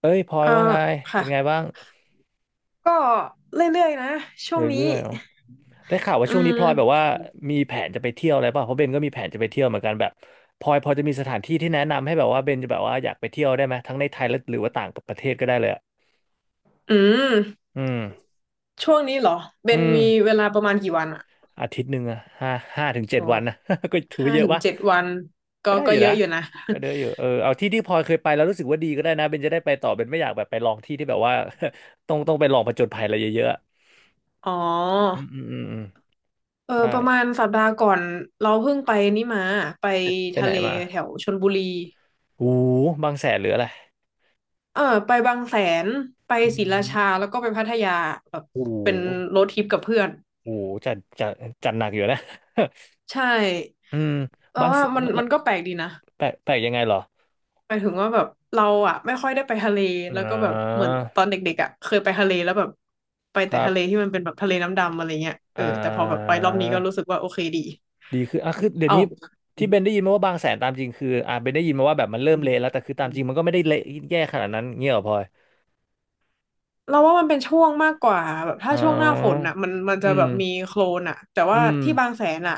เอ้ยพลอยอ่าว่าไงเป็ค่ะนไงบ้างก็เรื่อยๆนะเช่วงรื่นี้อยๆเนาะได้ข่าวว่าอืช่วงนี้พลอยแบบมว่ามีแผนจะไปเที่ยวอะไรป่ะเพราะเบนก็มีแผนจะไปเที่ยวเหมือนกันแบบพลอยพอจะมีสถานที่ที่แนะนำให้แบบว่าเบนจะแบบว่าอยากไปเที่ยวได้ไหมทั้งในไทยและหรือว่าต่างประเทศก็ได้เลยอะอืมอืมช่วงนี้เหรอเบอืนมมีเวลาประมาณกี่วันอะอาทิตย์หนึ่งอะห้าถึงเจ็อ๋ดอวันนะ ก็ถือห้าว่าเยอะถึงปะเจ็ดวันก็ก็ได้ก็อยู่เยนะอะอยู่นะ ก็เยอะอยู่เออเอาที่ที่พลอยเคยไปแล้วรู้สึกว่าดีก็ได้นะเบนจะได้ไปต่อเบนไม่อยากแบบไปลองที่ที่แบบว่า ต้องไปลองผจญภัยอะไรเยอะๆอะ อ๋อืมออืมอืมอืมเออใช่ประมาณสัปดาห์ก่อนเราเพิ่งไปนี่มาไปไปทะไหนเลมา แถวชลบุรีโอ้โหบางแสนหรืออะไรเออไปบางแสนไปอืศรีราชามแล้วก็ไปพัทยาแบบโอ้โหเป็นโรดทริปกับเพื่อนโอ้โหจัดจัดจัดหนักอยู่นะ ใช่อืมเราบางแสว่ามันแลมัวนก็แปลกดีนะ แปลกแปลกยังไงเหรอหมายถึงว่าแบบเราอะไม่ค่อยได้ไปทะเลแล้วอ่ก็แบบเหามือนตอนเด็กๆอะเคยไปทะเลแล้วแบบไปคแต่รัทะเลบที่มันเป็นแบบทะเลน้ำดำอะไรเงี้ยเออ่อแต่พอแบบไปารอบนี้ก็รู้สึกว่าโอเคดีดีคืออ่ะคือเดี๋ยวเอานี้ที่เบนได้ยินมาว่าบางแสนตามจริงคืออ่าเบนได้ยินมาว่าแบบมันเริ่มเละแล้วแต่คือตามจริงมันก็ไม่ได้เละแย่ขนาดนั้นเงี้ยเหรอพลอยเราว่ามันเป็นช่วงมากกว่าแบบถ้าอ๋ช่วงหน้าฝนออะมันจะอืแบบมีมโคลนอะแต่ว่าอืมที่บางแสนอะ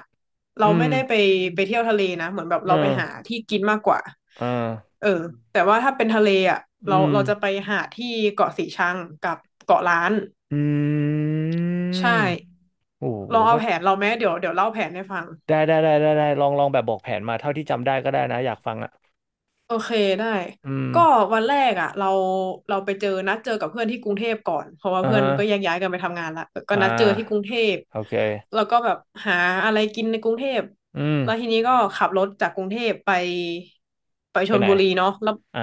เราอืไม่มได้ไปไปเที่ยวทะเลนะเหมือนแบบเราอ่าไปหาที่กินมากกว่าอ่าเออแต่ว่าถ้าเป็นทะเลอะอืเรามเราจะไปหาที่เกาะสีชังกับเกาะล้านอืใช่ มโอ้โหลองก็ เอาแผนเราไหมเดี๋ยวเล่าแผนให้ฟัง ได้ได้ได้ได้ได้ลองลองแบบบอกแผนมาเท่าที่จำได้ก็ได้นะอยากฟังอ่ะโอเคได้อืมก็วันแรกอ่ะเราไปเจอนัดเจอกับเพื่อนที่กรุงเทพก่อนเพราะว่าอ่าเพื่อนฮะก็แยกย้ายกันไปทำงานละก็อ่นัดเจอที่กรุงาเทพโอเคแล้วก็แบบหาอะไรกินในกรุงเทพอืมแล้วทีนี้ก็ขับรถจากกรุงเทพไปไปไปชลไหนบุรีเนาะแล้วอ่า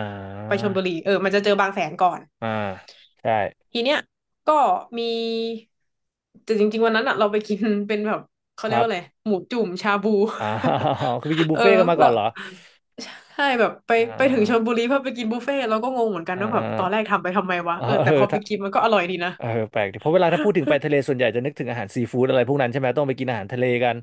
ไปชลบุรีเออมันจะเจอบางแสนก่อนอ่าใช่ทีเนี้ยก็มีแต่จริงๆวันนั้นอะเราไปกินเป็นแบบเขาคเรียกรับว่าอะไรหมูจุ่มชาบู อ่า คือไปกิน บุเอฟอเฟ่ต์กันมาก่แล้อว นเหรอใช่แบบไปอ่ไปถึงชลาบุรีเพื่อไปกินบุฟเฟ่ต์เราก็งงเหมือนกันอ่ว่าแบบตอนแรกาทำไปทำไมวะเออเออเอแต่อพอไปถ้ากินมันก็อร่อยดีนะเออแปลกดิเพราะเวลาถ้าพูดถึงไปทะเลส่วนใหญ่จะนึกถึงอาหารซีฟู้ดอะไรพวกนั้นใช่ไหมต้องไปกินอาหารทะเลกัน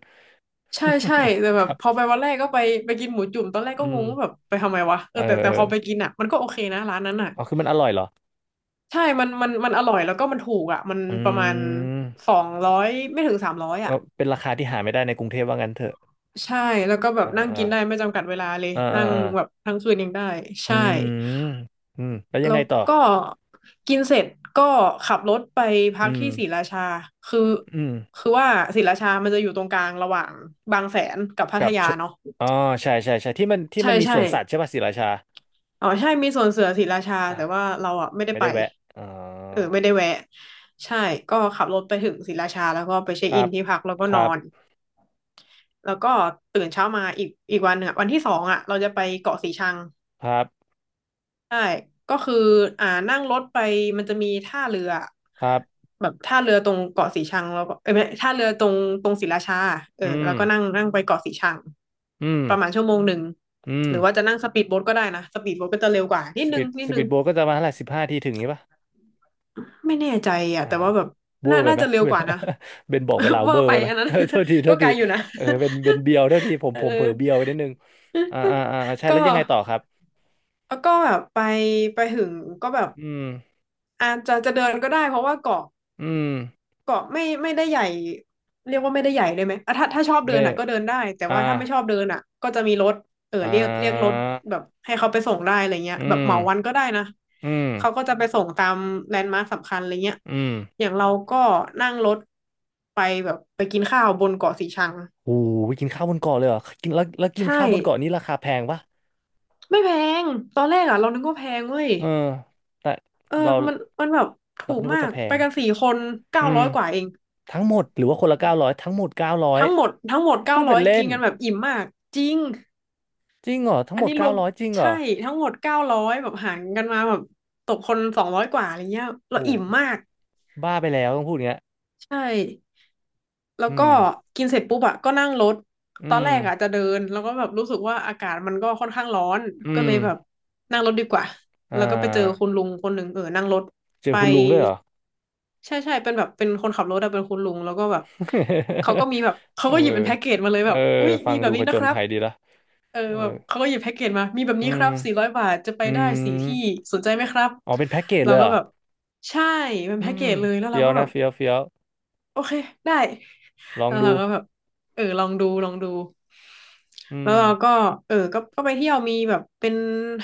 ใช่ใช่แต่ แบคบรับพอไปวันแรกก็ไปไปกินหมูจุ่มตอนแรกอืก็งมงว่าแบบไปทำไมวะเอเอออแต่เอแต่อพอไปกินอ่ะมันก็โอเคนะร้านนั้นอ่ะอ๋อคือมันอร่อยเหรอใช่มันอร่อยแล้วก็มันถูกอ่ะมันอืประมาณมสองร้อยไม่ถึง300เอออ่ะเป็นราคาที่หาไม่ได้ในกรุงเทพว่างั้นเถอะใช่แล้วก็แบบอ่นั่งกินได้า ไม่จำกัดเวลาเลยอ่านั่อ่างอ่าแบบทั้งคืนยังได้อืใช่ มอืมแล้วยัแล้งไงวต่อก็กินเสร็จก็ขับรถไปพักอืที่ศรีมราชาคืออืมคือว่าศรีราชามันจะอยู่ตรงกลางระหว่างบางแสนกับพัทกับยาชวเนาะอ๋อใช่ใช่ใช่ที่มันที่ใช่มันมีสใช่วนสัตว์ใช่ป่ะศรีราชาอ๋อใช่มีสวนเสือศรีราชาอ่าแต่ว่าเราอ่ะไม่ได้ไม่ไปได้แวะอ๋อเออไม่ได้แวะใช่ก็ขับรถไปถึงศรีราชาแล้วก็ไปเช็คคอิรันบที่พักแล้วก็คนอรับนแล้วก็ตื่นเช้ามาอีกวันหนึ่งอะวันที่สองอ่ะเราจะไปเกาะสีชัง ครับใช่ ก็คืออ่านั่งรถไปมันจะมีท่าเรือครับแบบท่าเรือตรงเกาะสีชังแล้วก็เอ้ยไม่ท่าเรือตรงศรีราชาเอออืแล้มวก็นั่งนั่งไปเกาะสีชังอืมประมาณชั่วโมงหนึ่งอืมหรือว่าจะนั่งสปีดโบ๊ทก็ได้นะสปีดโบ๊ทก็จะเร็วกว่านิดสนึปีงดนิสดนึปีงดโบ๊ทก็จะมาเท่าไหร่15ทีถึงนี้ป่ะไม่แน่ใจอ่ะอ่าแต่ว่าแบบเวอน่าร์ไปน่าไหมจะเร็วเวกว่าลา นะ เบนบอกเวลา เวอเวอร์ร์ไปไปไหม อันนั้น โทษทีโท ก็ษไกทีลอยู่นะ เออเป็นเบนเบียวโทษทีผ มเออ ผมเผลอเบียวไปนิดนึงอ่าอ่าอ่าใช่ ก็แล้วยังไงต่อครับแล้วก็แบบไปไปถึงก็แบบอืมอาจจะเดินก็ได้เพราะว่าเกาะอืมเกาะไม่ได้ใหญ่เรียกว่าไม่ได้ใหญ่เลยไหมอ่ะถ้าชอบเดิไม่ นอ่ะก็เดินได้แต่อ่าว่าถ้าไม่ชอบเดินอ่ะก็จะมีรถเอออ่เรียกรถาแบบให้เขาไปส่งได้อะไรเงี้ยอืแบบเหมมาวันก็ได้นะอืมเขาก็จะไปส่งตามแลนด์มาร์คสำคัญอะไรเงี้ยอืมอย่างเราก็นั่งรถไปแบบไปกินข้าวบนเกาะสีชังโอ้ไปกินข้าวบนเกาะเลยเหรอกินแล้วแล้วกินใช่ข้าวบนเกาะนี้ราคาแพงปะไม่แพงตอนแรกอ่ะเรานึกว่าแพงเว้ย เออแต่เออเรามันมันแบบเราถูก็กนึกมาว่าจะก แพไปงกันสี่คนอืเก้ามร้อยกว่าเองทั้งหมดหรือว่าคนละเก้าร้อยทั้งหมดเก้าร้อยทั้งหมดพูเก้าดร้เป็อนยเล่กินนกันแบบอิ่มมากจริงจริงเหรอทั้งอัหมนดนี้รเก้าวมร้อยจริงเหรใช่อทั้งหมดเก้าร้อยแบบหารกันมาแบบตกคนสองร้อยกว่าอะไรเงี้ยเราอิ่โหมมากบ้าไปแล้วต้องพูดอย่างเงี้ยใช่ แล้วอืก็มกินเสร็จปุ๊บอะก็นั่งรถ อืตอนมแรกอะจะเดินแล้วก็แบบรู้สึกว่าอากาศมันก็ค่อนข้างร้อนอืก็มเลยแบบนั่งรถดีกว่า อ่แล้วก็ไปเจอาคุณลุงคนหนึ่งเออนั่งรถเจอไปคุณลุงด้วยเหรอ ใช่ใช่เป็นแบบเป็นคนขับรถอะเป็นคุณลุงแล้วก็แบบเขาก็ มีแบบเขาเออก็หยิบเป็นแพ็กเกจมาเลยเออแบบอุ้ยฟัมีงแบดูบผนี้จนะคญรับภัยดีละเออเออแบบเขาก็หยิบแพ็กเกจมามีแบบอืนี้คม รับ400 บาทจะไปอืได้มสี่ที่สนใจไหมครับอ๋อเป็นแพ็กเกจเราเลยเหก็รอแบบใช่เป็นอืแพ็กเกมจเลยแล้วเฟี้เรายวก็แบนะบ เฟี้ยวเฟี้ยวโอเคได้ลองแล้วดูเราก็แบบอลองดูลองดูอืแล้วมเราก็ก็ไปเที่ยวมีแบบเป็น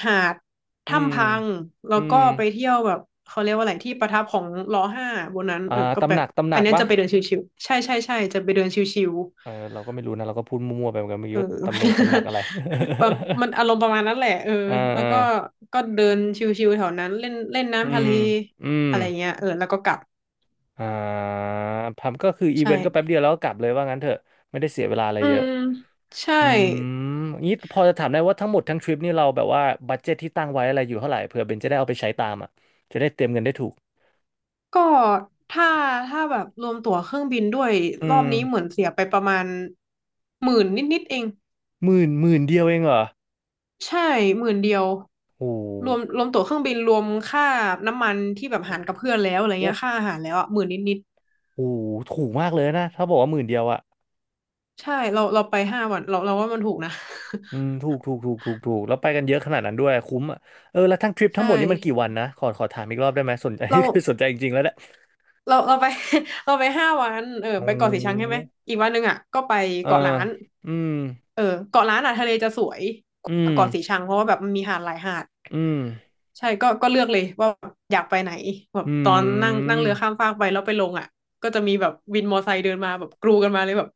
หาดอืถ้ำมพังแล้อืวก็มไปเที่ยวแบบเขาเรียกว่าอะไรที่ประทับของลอห้าบนนั้นอ่าก็แบตำหนับกตำหนัอันกเนี้ยวะจะไปเดินชิวๆใช่ใช่ใช่จะไปเดินชิวเออเราก็ไม่รู้นะเราก็พูดมั่วๆไปเหมือนกันเมื่อๆกี้ว่าตำหนงตำหนักอะไร ประมันอา รมณ์ประมาณนั้นแหละอ่าแล้วอ่าก็ก็เดินชิวๆแถวนั้นเล่นเล่นอืน้ำทะเลมอืมอะไรเงี้ยแล้วก็กลับอ่าพัมก็คืออีเวนต์ก็แป๊บใช่เดียวแล้วก็กลับเลยว่างั้นเถอะไม่ได้เสียเวลาอะไรอืเยอะมใช่ อืมงี้พอจะถามได้ว่าทั้งหมดทั้งทริปนี่เราแบบว่าบัดเจ็ตที่ตั้งไว้อะไรอยู่เท่าไหร่เผื่อเบนจะได้เอาไปใช้ตามอ่ะจะได้เตรียมเงินได้ถูกก็ถ้าถ้าแบบรวมตั๋วเครื่องบินด้วยอืรอม บนี้เหมือนเสียไปประมาณหมื่นนิดๆเองหมื่นหมื่นเดียวเองเหรอ ใช่หมื่นเดียวโอ้โหรวมตั๋วเครื่องบินรวมค่าน้ำมันที่แบบหารกับเพื่อนแล้วอะไรเงี้โยค่าอาหารแล้วอ่ะหมื่นนิดอ้โหถูกมากเลยนะถ้าบอกว่าหมื่นเดียวอะๆใช่เราไปห้าวันเราว่ามันถูกนะ อืมถูกถูกถูกถูกถูกแล้วไปกันเยอะขนาดนั้นด้วยคุ้มอะเออ แล้วทั้งทริ ปทั้ใช่งหมดนี่มันกี่วันนะ ขอขอถามอีกรอบได้ไหม สนใจ เรา คือ สนใจจริงๆแล้วแหละเราไป เราไปห้าวันโอไปเกาะสีชังใช่้ไหมอีกวันหนึ่งอ่ะก็ไปเออเกาะล้านอืมเออเกาะล้านอ่ะทะเลจะสวยกอืว่ามเกาะสีชังเพราะว่าแบบมันมีหาดหลายหาดอืมใช่ก็เลือกเลยว่าอยากไปไหนแบบอืตอนนั่งนั่งมเรือข้ามฟากไปแล้วไปลงอ่ะก็จะมีแบบวินมอไซค์เดินมาแบบกรูกันมาเลยแบบ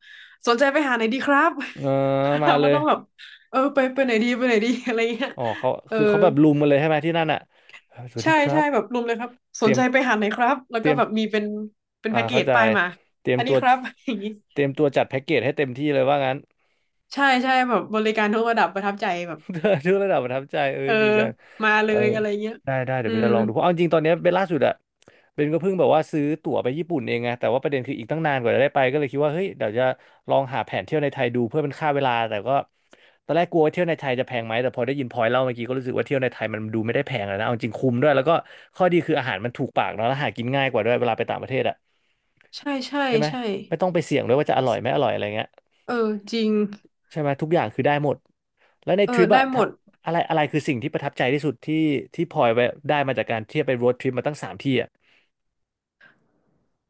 สนใจไปหาไหนดีครับ เออ มาเราเลก็ย ต้องแบบไปไปไหนดีไปไหนดีอะไรเงี้ยอ๋อเขาเออ คือเขาแบบลุมมาเลยใช่ไหมที่นั่นอะเออสวัสใช่ดีครัใช่บ แบบรวมเลยครับสเตรีนยมใจไปหาไหนครับแล้วเตรีก็ยมแบบมีเป็นเป็นอ่าแพ็กเกเข้าจใจป้ายมาเตรียมอันตันี้วครับ อย่างนี้เตรียมตัวจัดแพ็กเกจให้เต็มที่เลยว่างั้น ใช่ใช่แบบบริการทุกระดับประทับใจแบบ ทุกระดับประทับใจเอ้เอยอดีจังมาเอเลอยอะไรเงี้ยได้ได้เดี๋ยอืวเบนมจะลองดูเพราะเอาจริงตอนเนี้ยเบนล่าสุดอะเบนก็เพิ่งแบบว่าซื้อตั๋วไปญี่ปุ่นเองไงแต่ว่าประเด็นคืออีกตั้งนานกว่าจะได้ไปก็เลยคิดว่าเฮ้ยเดี๋ยวจะลองหาแผนเที่ยวในไทยดูเพื่อเป็นค่าเวลา แต่ก็ตอนแรกกลัวว่าเที่ยวในไทยจะแพงไหมแต่พอได้ยินพอยเล่าเมื่อกี้ก็รู้สึกว่าเที่ยวในไทยมันดูไม่ได้แพงเลยนะเอาจริงคุ้มด้วยแล้วก็ข้อดีคืออาหารมันถูกปากเนาะแล้วหากินง่ายกว่าด้วยเวลาไปต่างประเทศอะ ใช่ใช่ใช่ไหมใช่ไม่ต้องไปเสี่ยงด้วยว่าจะอร่อยไม่อร่อยอะไรเงี้ยเออจริงใช่ไหมทุกอย่างคือได้หมดแล้วในทริปได้อะหมถ้าดอะไรอะไรคือสิ่งที่ประทับใจที่สุดที่ที่พลอยไปได้มาจากการเที่ยวไปโรดทริปมาตั้งสามที่อะ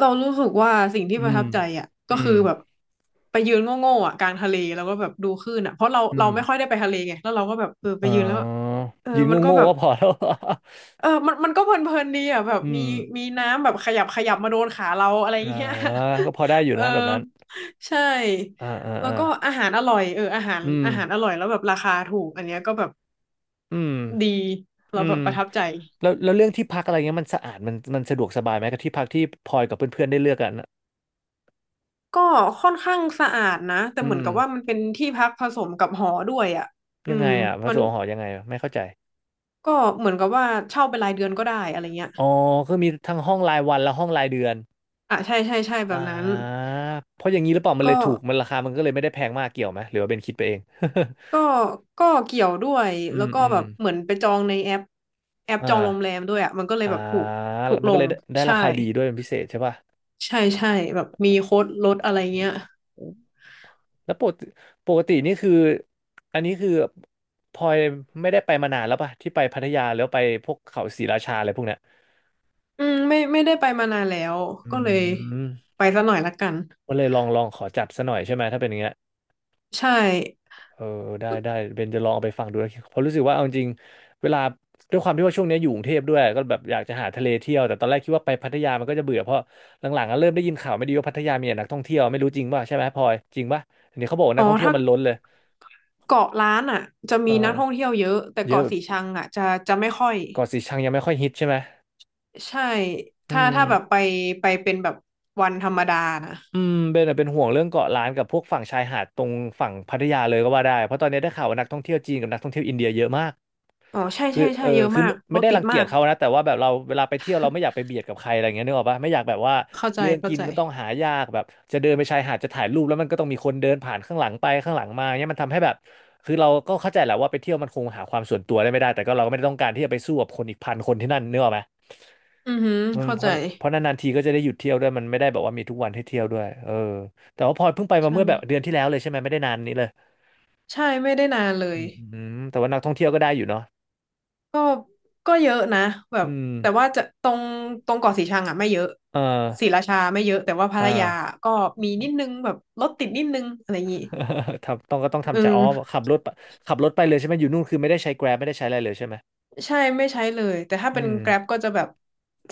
เรารู้สึกว่าสิ่งที่อืประมทับใจอ่ะอืก็มคือแบบไปยืนโง่ๆอ่ะกลางทะเลแล้วก็แบบดูคลื่นอ่ะเพราะอืเรามไม่ค่อยได้ไปทะเลไงแล้วเราก็แบบไปอ๋อยืนแล้วยืนมันก็โง่แบๆบ ก็พอแล้ว มันก็เพลินๆดีอ่ะแบ บอืมีมมีน้ำแบบขยับขยับมาโดนขาเราอะไรอ่าเงี้ย ก็พอได้อ ยู่เออนะแบบนั้นใช่อ่าอ่าแล้วอ่าก็อาหารอร่อยอาหารอืมอาหารอร่อยแล้วแบบราคาถูกอันเนี้ยก็แบบอืมดีอืเราแบมบประทับใจแล้วแล้วเรื่องที่พักอะไรเงี้ยมันสะอาดมันมันสะดวกสบายไหมกับที่พักที่พลอยกับเพื่อนๆได้เลือกกันอะก็ค่อนข้างสะอาดนะแต่อืเหมือนมกับว่ามันเป็นที่พักผสมกับหอด้วยอ่ะอืยังไงมอ่ะพระมัสนงฆ์หอยังไงอะไม่เข้าใจ ก็เหมือนกับว่าเช่าเป็นรายเดือนก็ได้อะไรเงี้ยอ๋อคือมีทั้งห้องรายวันและห้องรายเดือนอ่ะใช่ใช่ใช่แบบอ่านั้นเพราะอย่างนี้หรือเปล่ามันเลยก็ ถูกมันราคามันก็เลยไม่ได้แพงมากเกี่ยวไหมหรือว่าเป็นคิดไปเอง ก็ก็เกี่ยวด้วย อืแล้วมก็อืแบมบเหมือนไปจองในแอปแอปอจองโรงแร่ามด้วยอ่ะมันก็เลอ่ายแบบถูกถูกมันลก็เลงยได้ได้ราใช่คาดีด้วยเป็นพิเศษใช่ป่ะใช่ใช่แบบมีโค้ดลดอะไรเงี้ยแล้วปกติปกตินี่คืออันนี้คือพลอยไม่ได้ไปมานานแล้วป่ะที่ไปพัทยาแล้วาไปพวกเขาศรีราชาอะไรพวกเนี้ยอืมไม่ได้ไปมานานแล้วอืก็เลยมไปซะหน่อยละกันก็เลยลองลองขอจัดซะหน่อยใช่ไหมถ้าเป็นอย่างเงี้ย ใช่เออได้ได้เบนจะลองเอาไปฟังดูนะเพราะรู้สึกว่าเอาจริงๆเวลาด้วยความที่ว่าช่วงนี้อยู่กรุงเทพด้วยก็แบบอยากจะหาทะเลเที่ยวแต่ตอนแรกคิดว่าไปพัทยามันก็จะเบื่อเพราะหลังๆก็เริ่มได้ยินข่าวไม่ดีว่าพัทยามีแต่นักท่องเที่ยวไม่รู้จริงป่ะใช่ไหมพลอยจริงป่ะเดี๋ยวนี้เขาบอกว่านัอ๋กอท่องเที่ยวถ้ามันล้นเลยเกาะล้านอ่ะจะเออมีนักท่องเที่ยวเยอะแต่เยอะเกาะแบบสีชังอ่ะจะจะไม่ค่อยเกาะสีชังยังไม่ค่อยฮิตใช่ไหมใช่อืมถ้าแบบไปไปเป็นแบบวันธรรมดานะอืมเบนอะเป็นห่วงเรื่องเกาะล้านกับพวกฝั่งชายหาดตรงฝั่งพัทยาเลยก็ว่าได้เพราะตอนนี้ได้ข่าวว่านักท่องเที่ยวจีนกับนักท่องเที่ยวอินเดียเยอะมาก อ๋อใช่คือใช่ใช่เออเยอะคือมากรไม่ถได้ติรัดงเกีมายจกเขานะแต่ว่าแบบเราเวลาไปเที่ยวเราไม่อยากไปเบียดกับใครอะไรเงี้ยนึกออกปะไม่อยากแบบว่าเข้าใจเรื่องเข้ากินใจ ก็ต้องหายากแบบจะเดินไปชายหาดจะถ่ายรูปแล้วมันก็ต้องมีคนเดินผ่านข้างหลังไปข้างหลังมาเนี้ยมันทำให้แบบคือเราก็เข้าใจแหละว่าไปเที่ยวมันคงหาความส่วนตัวได้ไม่ได้แต่ก็เราก็ไม่ได้ต้องการที่จะไปสู้กับคนอีกพันคนที่นั่นนึกออกไหมอือหืออืมเข้าเพใจราะเพราะนานๆทีก็จะได้หยุดเที่ยวด้วยมันไม่ได้แบบว่ามีทุกวันให้เที่ยวด้วยเออแต่ว่าพลอยเพิ่งไปมาใช่เมื่อแบบเดือนที่แล้วเลยใช่ไหมไม่ได้นานนี้เลยใช่ไม่ได้นานเลอืยมแต่ว่านักท่องเที่ยวก็ได้อยู่เนาะก็เยอะนะแบบอืมแต่ว่าจะตรงตรงเกาะสีชังอ่ะไม่เยอะเออศรีราชาไม่เยอะแต่ว่าพัเอทอ ยาก็มีนิดนึงแบบรถติดนิดนึงอะไรอย่างงี้ ทำต้องก็ต้องเอืทำใจอ๋อขับรถไปขับรถไปเลยใช่ไหมอยู่นู่นคือไม่ได้ใช้ Grab ไม่ได้ใช้อะไรเลยใช่ไหมใช่ไม่ใช้เลยแต่ถ้าเป็น อืม Grab ก็จะแบบ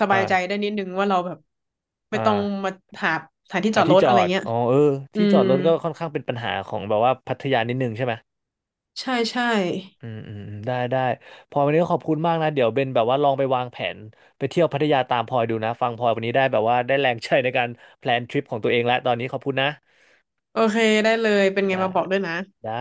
สบายใจอ่าได้นิดนึงว่าเราแบบไม่อ่าต้องมาหาสถานที่จหาอดรที่ถจอะไรอดเงี้ยอ๋อเอออืที่จอมดรถก็ค่อนข้างเป็นปัญหาของแบบว่าพัทยานิดนึงใช่ไหมใช่ใช่อืมอืมอืมได้ได้พลอยวันนี้ก็ขอบคุณมากนะเดี๋ยวเบนแบบว่าลองไปวางแผนไปเที่ยวพัทยาตามพลอยดูนะฟังพลอยวันนี้ได้แบบว่าได้แรงใจในการแพลนทริปของตัวเองแล้วตอนนี้ขอบคุณนะโอเคได้เลยเป็นไงได้มาบอกด้วยนะได้